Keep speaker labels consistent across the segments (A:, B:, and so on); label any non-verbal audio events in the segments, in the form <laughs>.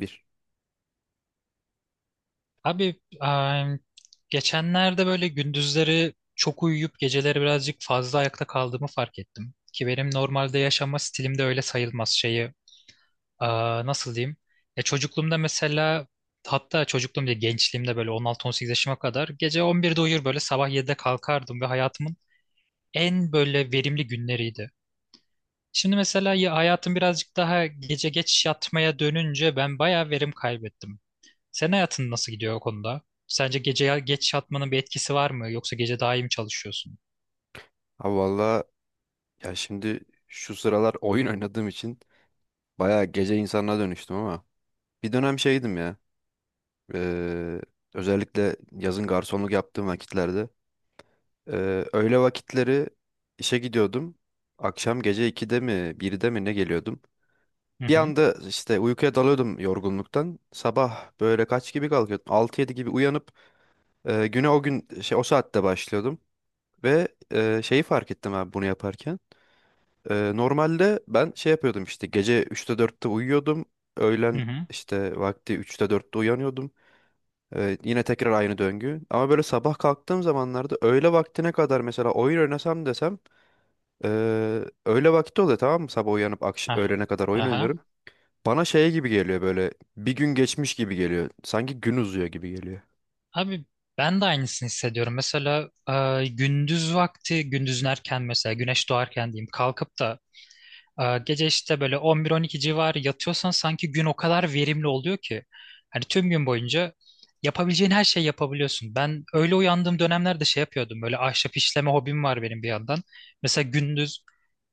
A: Bir.
B: Abi geçenlerde böyle gündüzleri çok uyuyup geceleri birazcık fazla ayakta kaldığımı fark ettim. Ki benim normalde yaşama stilimde öyle sayılmaz şeyi. Nasıl diyeyim? Ya çocukluğumda mesela hatta çocukluğum değil gençliğimde böyle 16-18 yaşıma kadar gece 11'de uyur böyle sabah 7'de kalkardım ve hayatımın en böyle verimli günleriydi. Şimdi mesela ya hayatım birazcık daha gece geç yatmaya dönünce ben bayağı verim kaybettim. Sen hayatın nasıl gidiyor o konuda? Sence gece geç yatmanın bir etkisi var mı? Yoksa gece daha iyi mi çalışıyorsun?
A: Abi valla ya şimdi şu sıralar oyun oynadığım için bayağı gece insanına dönüştüm ama bir dönem şeydim ya. eee, Özellikle yazın garsonluk yaptığım vakitlerde öğle vakitleri işe gidiyordum. Akşam gece 2'de mi 1'de mi ne geliyordum.
B: Hı
A: Bir
B: hı.
A: anda işte uykuya dalıyordum yorgunluktan. Sabah böyle kaç gibi kalkıyordum? Altı yedi gibi uyanıp güne o gün şey o saatte başlıyordum. Ve şeyi fark ettim abi bunu yaparken. Normalde ben şey yapıyordum işte gece üçte dörtte uyuyordum. Öğlen
B: Hı hı.
A: işte vakti üçte dörtte uyanıyordum. Yine tekrar aynı döngü. Ama böyle sabah kalktığım zamanlarda öğle vaktine kadar mesela oyun oynasam desem ee, öğle vakti oluyor, tamam mı? Sabah uyanıp
B: Hah.
A: öğlene kadar oyun
B: Aha.
A: oynuyorum. Bana şey gibi geliyor, böyle bir gün geçmiş gibi geliyor. Sanki gün uzuyor gibi geliyor.
B: Abi ben de aynısını hissediyorum. Mesela gündüz vakti, gündüzün erken mesela güneş doğarken diyeyim kalkıp da gece işte böyle 11-12 civarı yatıyorsan sanki gün o kadar verimli oluyor ki. Hani tüm gün boyunca yapabileceğin her şeyi yapabiliyorsun. Ben öyle uyandığım dönemlerde şey yapıyordum. Böyle ahşap işleme hobim var benim bir yandan. Mesela gündüz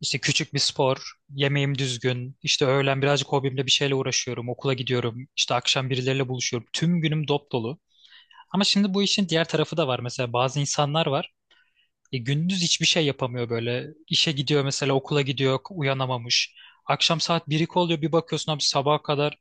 B: işte küçük bir spor, yemeğim düzgün, işte öğlen birazcık hobimle bir şeyle uğraşıyorum, okula gidiyorum, işte akşam birileriyle buluşuyorum. Tüm günüm dop dolu. Ama şimdi bu işin diğer tarafı da var. Mesela bazı insanlar var. Gündüz hiçbir şey yapamıyor böyle. İşe gidiyor mesela, okula gidiyor uyanamamış. Akşam saat 1 oluyor, bir bakıyorsun abi sabaha kadar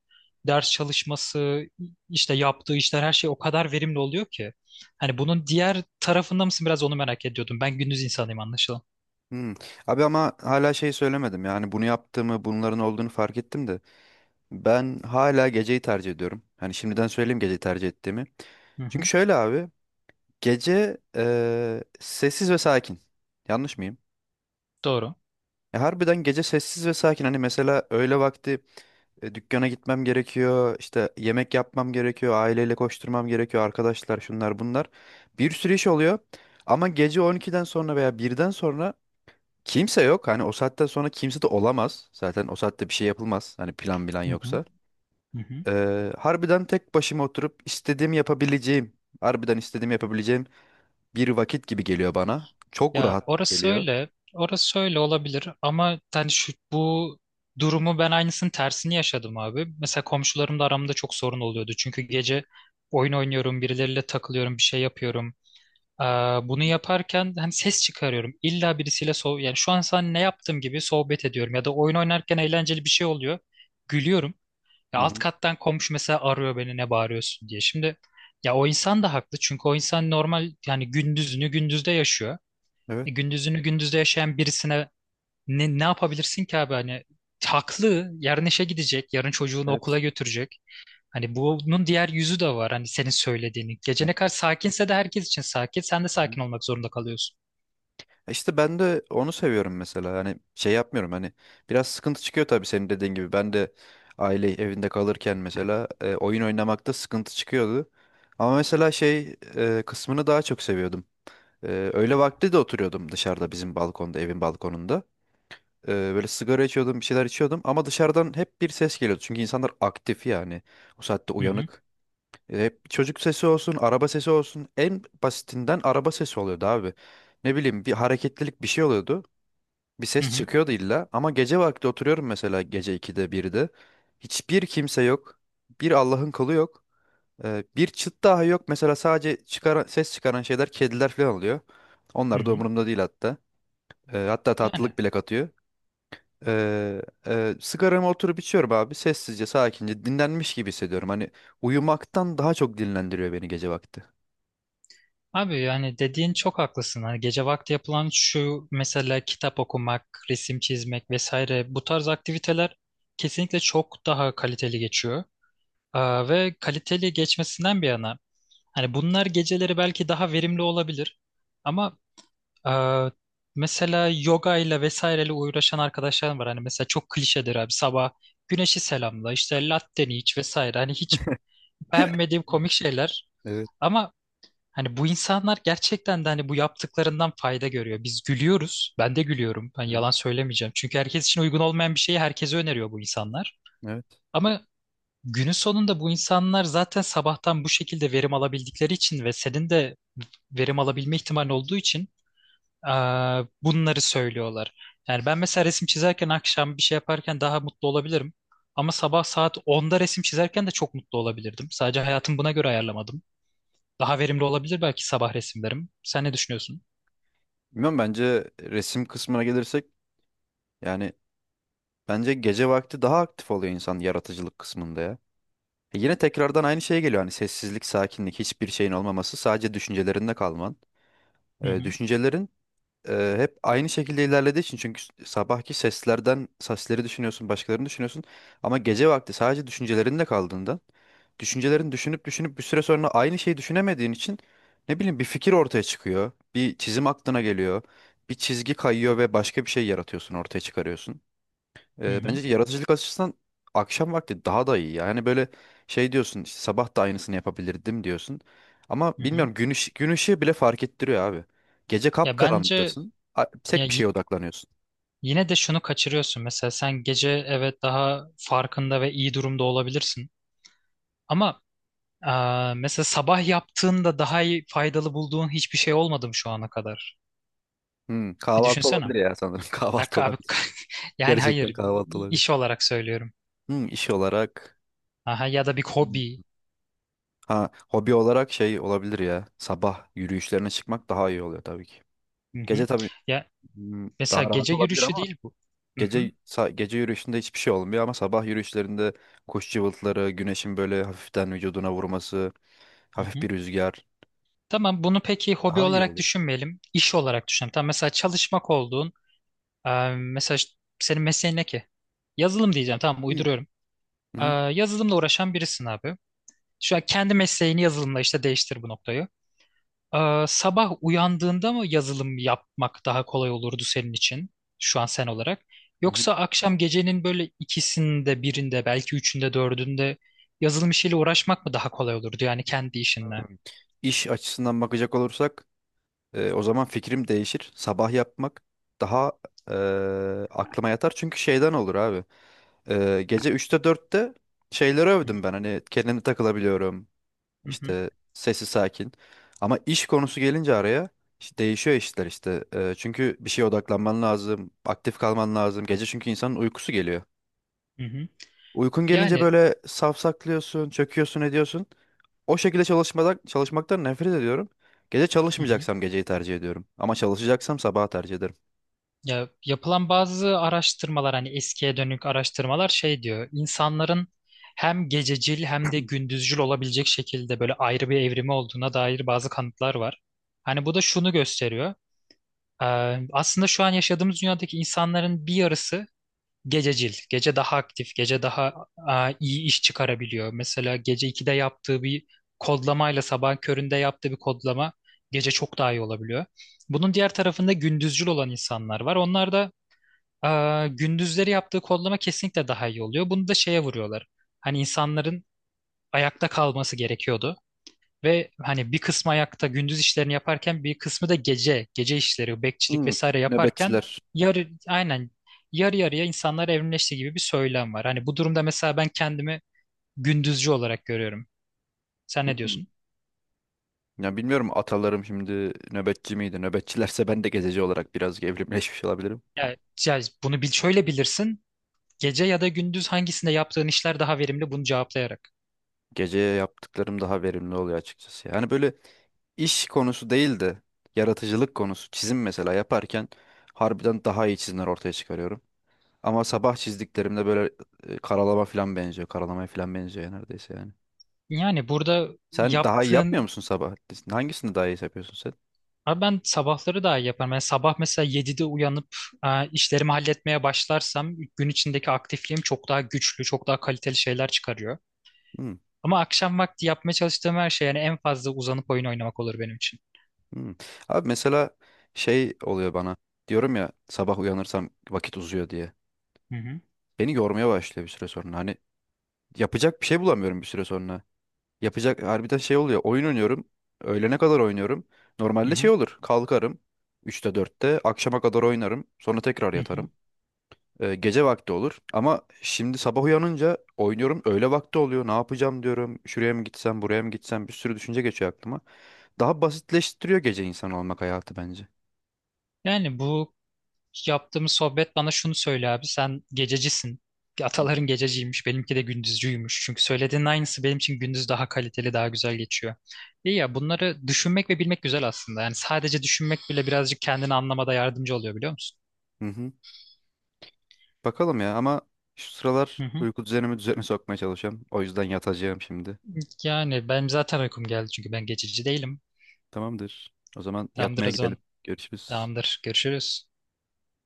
B: ders çalışması, işte yaptığı işler, her şey o kadar verimli oluyor ki. Hani bunun diğer tarafında mısın, biraz onu merak ediyordum. Ben gündüz insanıyım anlaşılan.
A: Hmm. Abi ama hala şey söylemedim, yani bunu yaptığımı bunların olduğunu fark ettim de ben hala geceyi tercih ediyorum. Hani şimdiden söyleyeyim geceyi tercih ettiğimi.
B: Hı
A: Çünkü
B: hı.
A: şöyle abi, gece sessiz ve sakin. Yanlış mıyım?
B: Doğru.
A: Ya harbiden gece sessiz ve sakin. Hani mesela öğle vakti dükkana gitmem gerekiyor, işte yemek yapmam gerekiyor, aileyle koşturmam gerekiyor, arkadaşlar şunlar bunlar. Bir sürü iş oluyor. Ama gece 12'den sonra veya bir'den sonra kimse yok. Hani o saatten sonra kimse de olamaz. Zaten o saatte bir şey yapılmaz. Hani plan bilen
B: Hı hı.
A: yoksa.
B: Hı hı.
A: Harbiden tek başıma oturup istediğimi yapabileceğim, harbiden istediğimi yapabileceğim bir vakit gibi geliyor bana. Çok
B: Ya
A: rahat
B: orası
A: geliyor.
B: öyle, orası öyle olabilir ama yani şu bu durumu ben aynısının tersini yaşadım abi. Mesela komşularımla aramda çok sorun oluyordu. Çünkü gece oyun oynuyorum, birileriyle takılıyorum, bir şey yapıyorum. Ee, Bunu yaparken hani ses çıkarıyorum. İlla birisiyle yani, şu an sen ne yaptığım gibi, sohbet ediyorum ya da oyun oynarken eğlenceli bir şey oluyor. Gülüyorum. Ya
A: Hı
B: alt
A: hı.
B: kattan komşu mesela arıyor beni ne bağırıyorsun diye. Şimdi ya o insan da haklı, çünkü o insan normal yani, gündüzünü gündüzde yaşıyor.
A: Evet,
B: E, gündüzünü gündüzde yaşayan birisine ne yapabilirsin ki abi, hani haklı, yarın işe gidecek, yarın çocuğunu okula
A: evet.
B: götürecek. Hani bunun diğer yüzü de var, hani senin söylediğini gece
A: Evet.
B: ne kadar sakinse de herkes için sakin, sen de
A: Hı hı.
B: sakin olmak zorunda kalıyorsun.
A: E, İşte ben de onu seviyorum mesela. Hani şey yapmıyorum, hani biraz sıkıntı çıkıyor tabii senin dediğin gibi. Ben de aile evinde kalırken mesela oyun oynamakta sıkıntı çıkıyordu. Ama mesela şey kısmını daha çok seviyordum. Öğle vakti de oturuyordum dışarıda bizim balkonda, evin balkonunda. Böyle sigara içiyordum, bir şeyler içiyordum ama dışarıdan hep bir ses geliyordu. Çünkü insanlar aktif yani, o saatte
B: Hı hı.
A: uyanık. Hep çocuk sesi olsun, araba sesi olsun. En basitinden araba sesi oluyordu abi. Ne bileyim bir hareketlilik bir şey oluyordu. Bir
B: Hı
A: ses
B: hı.
A: çıkıyordu illa, ama gece vakti oturuyorum mesela gece 2'de 1'de. Hiçbir kimse yok. Bir Allah'ın kulu yok. Bir çıt daha yok. Mesela sadece ses çıkaran şeyler kediler falan oluyor.
B: Hı
A: Onlar da
B: hı.
A: umurumda değil hatta. Hatta
B: Yani
A: tatlılık bile katıyor. Ee, Sigaramı oturup içiyorum abi. Sessizce, sakince, dinlenmiş gibi hissediyorum. Hani uyumaktan daha çok dinlendiriyor beni gece vakti.
B: abi, yani dediğin çok haklısın. Hani gece vakti yapılan şu mesela kitap okumak, resim çizmek vesaire, bu tarz aktiviteler kesinlikle çok daha kaliteli geçiyor. Ve kaliteli geçmesinden bir yana, hani bunlar geceleri belki daha verimli olabilir. Ama e, mesela yoga ile vesaireyle uğraşan arkadaşlarım var. Hani mesela çok klişedir abi, sabah güneşi selamla, işte latteni iç vesaire. Hani hiç beğenmediğim komik şeyler.
A: Evet.
B: Ama hani bu insanlar gerçekten de hani bu yaptıklarından fayda görüyor. Biz gülüyoruz. Ben de gülüyorum. Ben
A: Hı hı.
B: yalan söylemeyeceğim. Çünkü herkes için uygun olmayan bir şeyi herkese öneriyor bu insanlar.
A: Evet.
B: Ama günün sonunda bu insanlar zaten sabahtan bu şekilde verim alabildikleri için ve senin de verim alabilme ihtimalin olduğu için bunları söylüyorlar. Yani ben mesela resim çizerken, akşam bir şey yaparken, daha mutlu olabilirim. Ama sabah saat 10'da resim çizerken de çok mutlu olabilirdim. Sadece hayatımı buna göre ayarlamadım. Daha verimli olabilir belki sabah resimlerim. Sen ne düşünüyorsun?
A: Bilmiyorum, bence resim kısmına gelirsek, yani bence gece vakti daha aktif oluyor insan yaratıcılık kısmında ya. E, yine tekrardan aynı şeye geliyor, hani sessizlik, sakinlik, hiçbir şeyin olmaması, sadece düşüncelerinde kalman.
B: Hı hı.
A: Düşüncelerin hep aynı şekilde ilerlediği için, çünkü sabahki sesleri düşünüyorsun, başkalarını düşünüyorsun, ama gece vakti sadece düşüncelerinle kaldığında düşüncelerini düşünüp düşünüp bir süre sonra aynı şeyi düşünemediğin için ne bileyim bir fikir ortaya çıkıyor, bir çizim aklına geliyor, bir çizgi kayıyor ve başka bir şey yaratıyorsun, ortaya çıkarıyorsun.
B: Hı hı.
A: Bence yaratıcılık açısından akşam vakti daha da iyi. Yani böyle şey diyorsun, işte sabah da aynısını yapabilirdim diyorsun. Ama
B: Hı hı.
A: bilmiyorum, gün ışığı bile fark ettiriyor abi. Gece
B: Ya bence
A: kapkaranlıktasın.
B: ya
A: Tek bir şeye
B: y-
A: odaklanıyorsun.
B: yine de şunu kaçırıyorsun. Mesela sen gece evet daha farkında ve iyi durumda olabilirsin. Ama mesela sabah yaptığında daha iyi, faydalı bulduğun hiçbir şey olmadı mı şu ana kadar?
A: Hmm,
B: Bir
A: kahvaltı olabilir
B: düşünsene.
A: ya sanırım. <laughs>
B: Abi,
A: Kahvaltı
B: abi <laughs>
A: olabilir.
B: yani
A: Gerçekten
B: hayır,
A: kahvaltı olabilir.
B: iş olarak söylüyorum.
A: Hmm, iş olarak.
B: Aha, ya da bir
A: Hmm,
B: hobi.
A: ha, hobi olarak şey olabilir ya. Sabah yürüyüşlerine çıkmak daha iyi oluyor tabii ki.
B: Hı
A: Gece
B: hı.
A: tabii
B: Ya
A: hmm,
B: mesela
A: daha rahat
B: gece
A: olabilir
B: yürüyüşü
A: ama
B: değil bu. Hı hı.
A: gece gece yürüyüşünde hiçbir şey olmuyor, ama sabah yürüyüşlerinde kuş cıvıltıları, güneşin böyle hafiften vücuduna vurması,
B: Hı
A: hafif
B: hı.
A: bir rüzgar
B: Tamam, bunu peki hobi
A: daha iyi
B: olarak
A: oluyor.
B: düşünmeyelim. İş olarak düşünelim. Tamam, mesela çalışmak olduğun e, mesela senin mesleğin ne ki? Yazılım diyeceğim. Tamam,
A: Hı.
B: uyduruyorum.
A: Hı
B: E,
A: hı.
B: Yazılımla uğraşan birisin abi. Şu an kendi mesleğini yazılımla işte değiştir bu noktayı. Sabah uyandığında mı yazılım yapmak daha kolay olurdu senin için, şu an sen olarak?
A: Hı hı.
B: Yoksa akşam, gecenin böyle ikisinde birinde, belki üçünde dördünde yazılım işiyle uğraşmak mı daha kolay olurdu, yani kendi işinle?
A: İş açısından bakacak olursak o zaman fikrim değişir. Sabah yapmak daha e, aklıma yatar, çünkü şeyden olur abi. Gece üçte dörtte şeyleri
B: Hı hı.
A: övdüm ben, hani kendimi takılabiliyorum.
B: Hı hı.
A: İşte sesi sakin. Ama iş konusu gelince araya işte değişiyor işler işte. Çünkü bir şeye odaklanman lazım, aktif kalman lazım. Gece çünkü insanın uykusu geliyor.
B: Hı hı.
A: Uykun gelince
B: Yani
A: böyle safsaklıyorsun, çöküyorsun, ediyorsun. O şekilde çalışmaktan nefret ediyorum. Gece
B: hı hı.
A: çalışmayacaksam geceyi tercih ediyorum. Ama çalışacaksam sabahı tercih ederim.
B: Ya, yapılan bazı araştırmalar, hani eskiye dönük araştırmalar şey diyor, insanların hem gececil hem de gündüzcül olabilecek şekilde böyle ayrı bir evrimi olduğuna dair bazı kanıtlar var. Hani bu da şunu gösteriyor. Ee, Aslında şu an yaşadığımız dünyadaki insanların bir yarısı gececil. Gece daha aktif, gece daha iyi iş çıkarabiliyor. Mesela gece 2'de yaptığı bir kodlamayla sabah köründe yaptığı bir kodlama, gece çok daha iyi olabiliyor. Bunun diğer tarafında gündüzcül olan insanlar var. Onlar da gündüzleri yaptığı kodlama kesinlikle daha iyi oluyor. Bunu da şeye vuruyorlar. Hani insanların ayakta kalması gerekiyordu. Ve hani bir kısmı ayakta gündüz işlerini yaparken, bir kısmı da gece işleri, bekçilik
A: Hmm,
B: vesaire yaparken,
A: nöbetçiler.
B: aynen, yarı yarıya insanlar evrimleşti gibi bir söylem var. Hani bu durumda mesela ben kendimi gündüzcü olarak görüyorum. Sen ne
A: Hmm.
B: diyorsun?
A: Ya bilmiyorum, atalarım şimdi nöbetçi miydi? Nöbetçilerse ben de gececi olarak biraz evrimleşmiş olabilirim.
B: Ya, ya, bunu bil, şöyle bilirsin. Gece ya da gündüz, hangisinde yaptığın işler daha verimli, bunu cevaplayarak.
A: Gece yaptıklarım daha verimli oluyor açıkçası. Yani böyle iş konusu değil de yaratıcılık konusu, çizim mesela yaparken harbiden daha iyi çizimler ortaya çıkarıyorum. Ama sabah çizdiklerimde böyle karalama falan benziyor. Karalamaya falan benziyor ya, neredeyse yani.
B: Yani burada
A: Sen daha iyi yapmıyor
B: yaptığın.
A: musun sabah? Hangisini daha iyi yapıyorsun sen?
B: Abi ben sabahları daha iyi yaparım. Yani sabah mesela 7'de uyanıp işlerimi halletmeye başlarsam, gün içindeki aktifliğim çok daha güçlü, çok daha kaliteli şeyler çıkarıyor.
A: Hmm,
B: Ama akşam vakti yapmaya çalıştığım her şey, yani en fazla uzanıp oyun oynamak olur benim için.
A: hmm. Abi mesela şey oluyor bana. Diyorum ya, sabah uyanırsam vakit uzuyor diye.
B: Hı hı.
A: Beni yormaya başlıyor bir süre sonra. Hani yapacak bir şey bulamıyorum bir süre sonra. Yapacak harbiden şey oluyor. Oyun oynuyorum. Öğlene kadar oynuyorum.
B: Hı
A: Normalde şey
B: hı.
A: olur. Kalkarım. Üçte dörtte akşama kadar oynarım. Sonra tekrar
B: Hı hı.
A: yatarım. Gece vakti olur. Ama şimdi sabah uyanınca oynuyorum. Öğle vakti oluyor. Ne yapacağım diyorum. Şuraya mı gitsem, buraya mı gitsem. Bir sürü düşünce geçiyor aklıma. Daha basitleştiriyor gece insan olmak hayatı bence.
B: Yani bu yaptığımız sohbet bana şunu söyle abi, sen gececisin.
A: Hı hı.
B: Ataların gececiymiş, benimki de gündüzcüymüş. Çünkü söylediğin aynısı benim için gündüz daha kaliteli, daha güzel geçiyor. İyi ya, bunları düşünmek ve bilmek güzel aslında. Yani sadece düşünmek bile birazcık kendini anlamada yardımcı oluyor, biliyor musun?
A: Hı hı. Bakalım ya, ama şu sıralar
B: Hı hı.
A: uyku düzenimi düzene sokmaya çalışıyorum. O yüzden yatacağım şimdi.
B: Yani benim zaten uykum geldi çünkü ben gececi değilim.
A: Tamamdır. O zaman
B: Tamamdır
A: yatmaya
B: o
A: gidelim.
B: zaman.
A: Görüşürüz.
B: Tamamdır. Görüşürüz.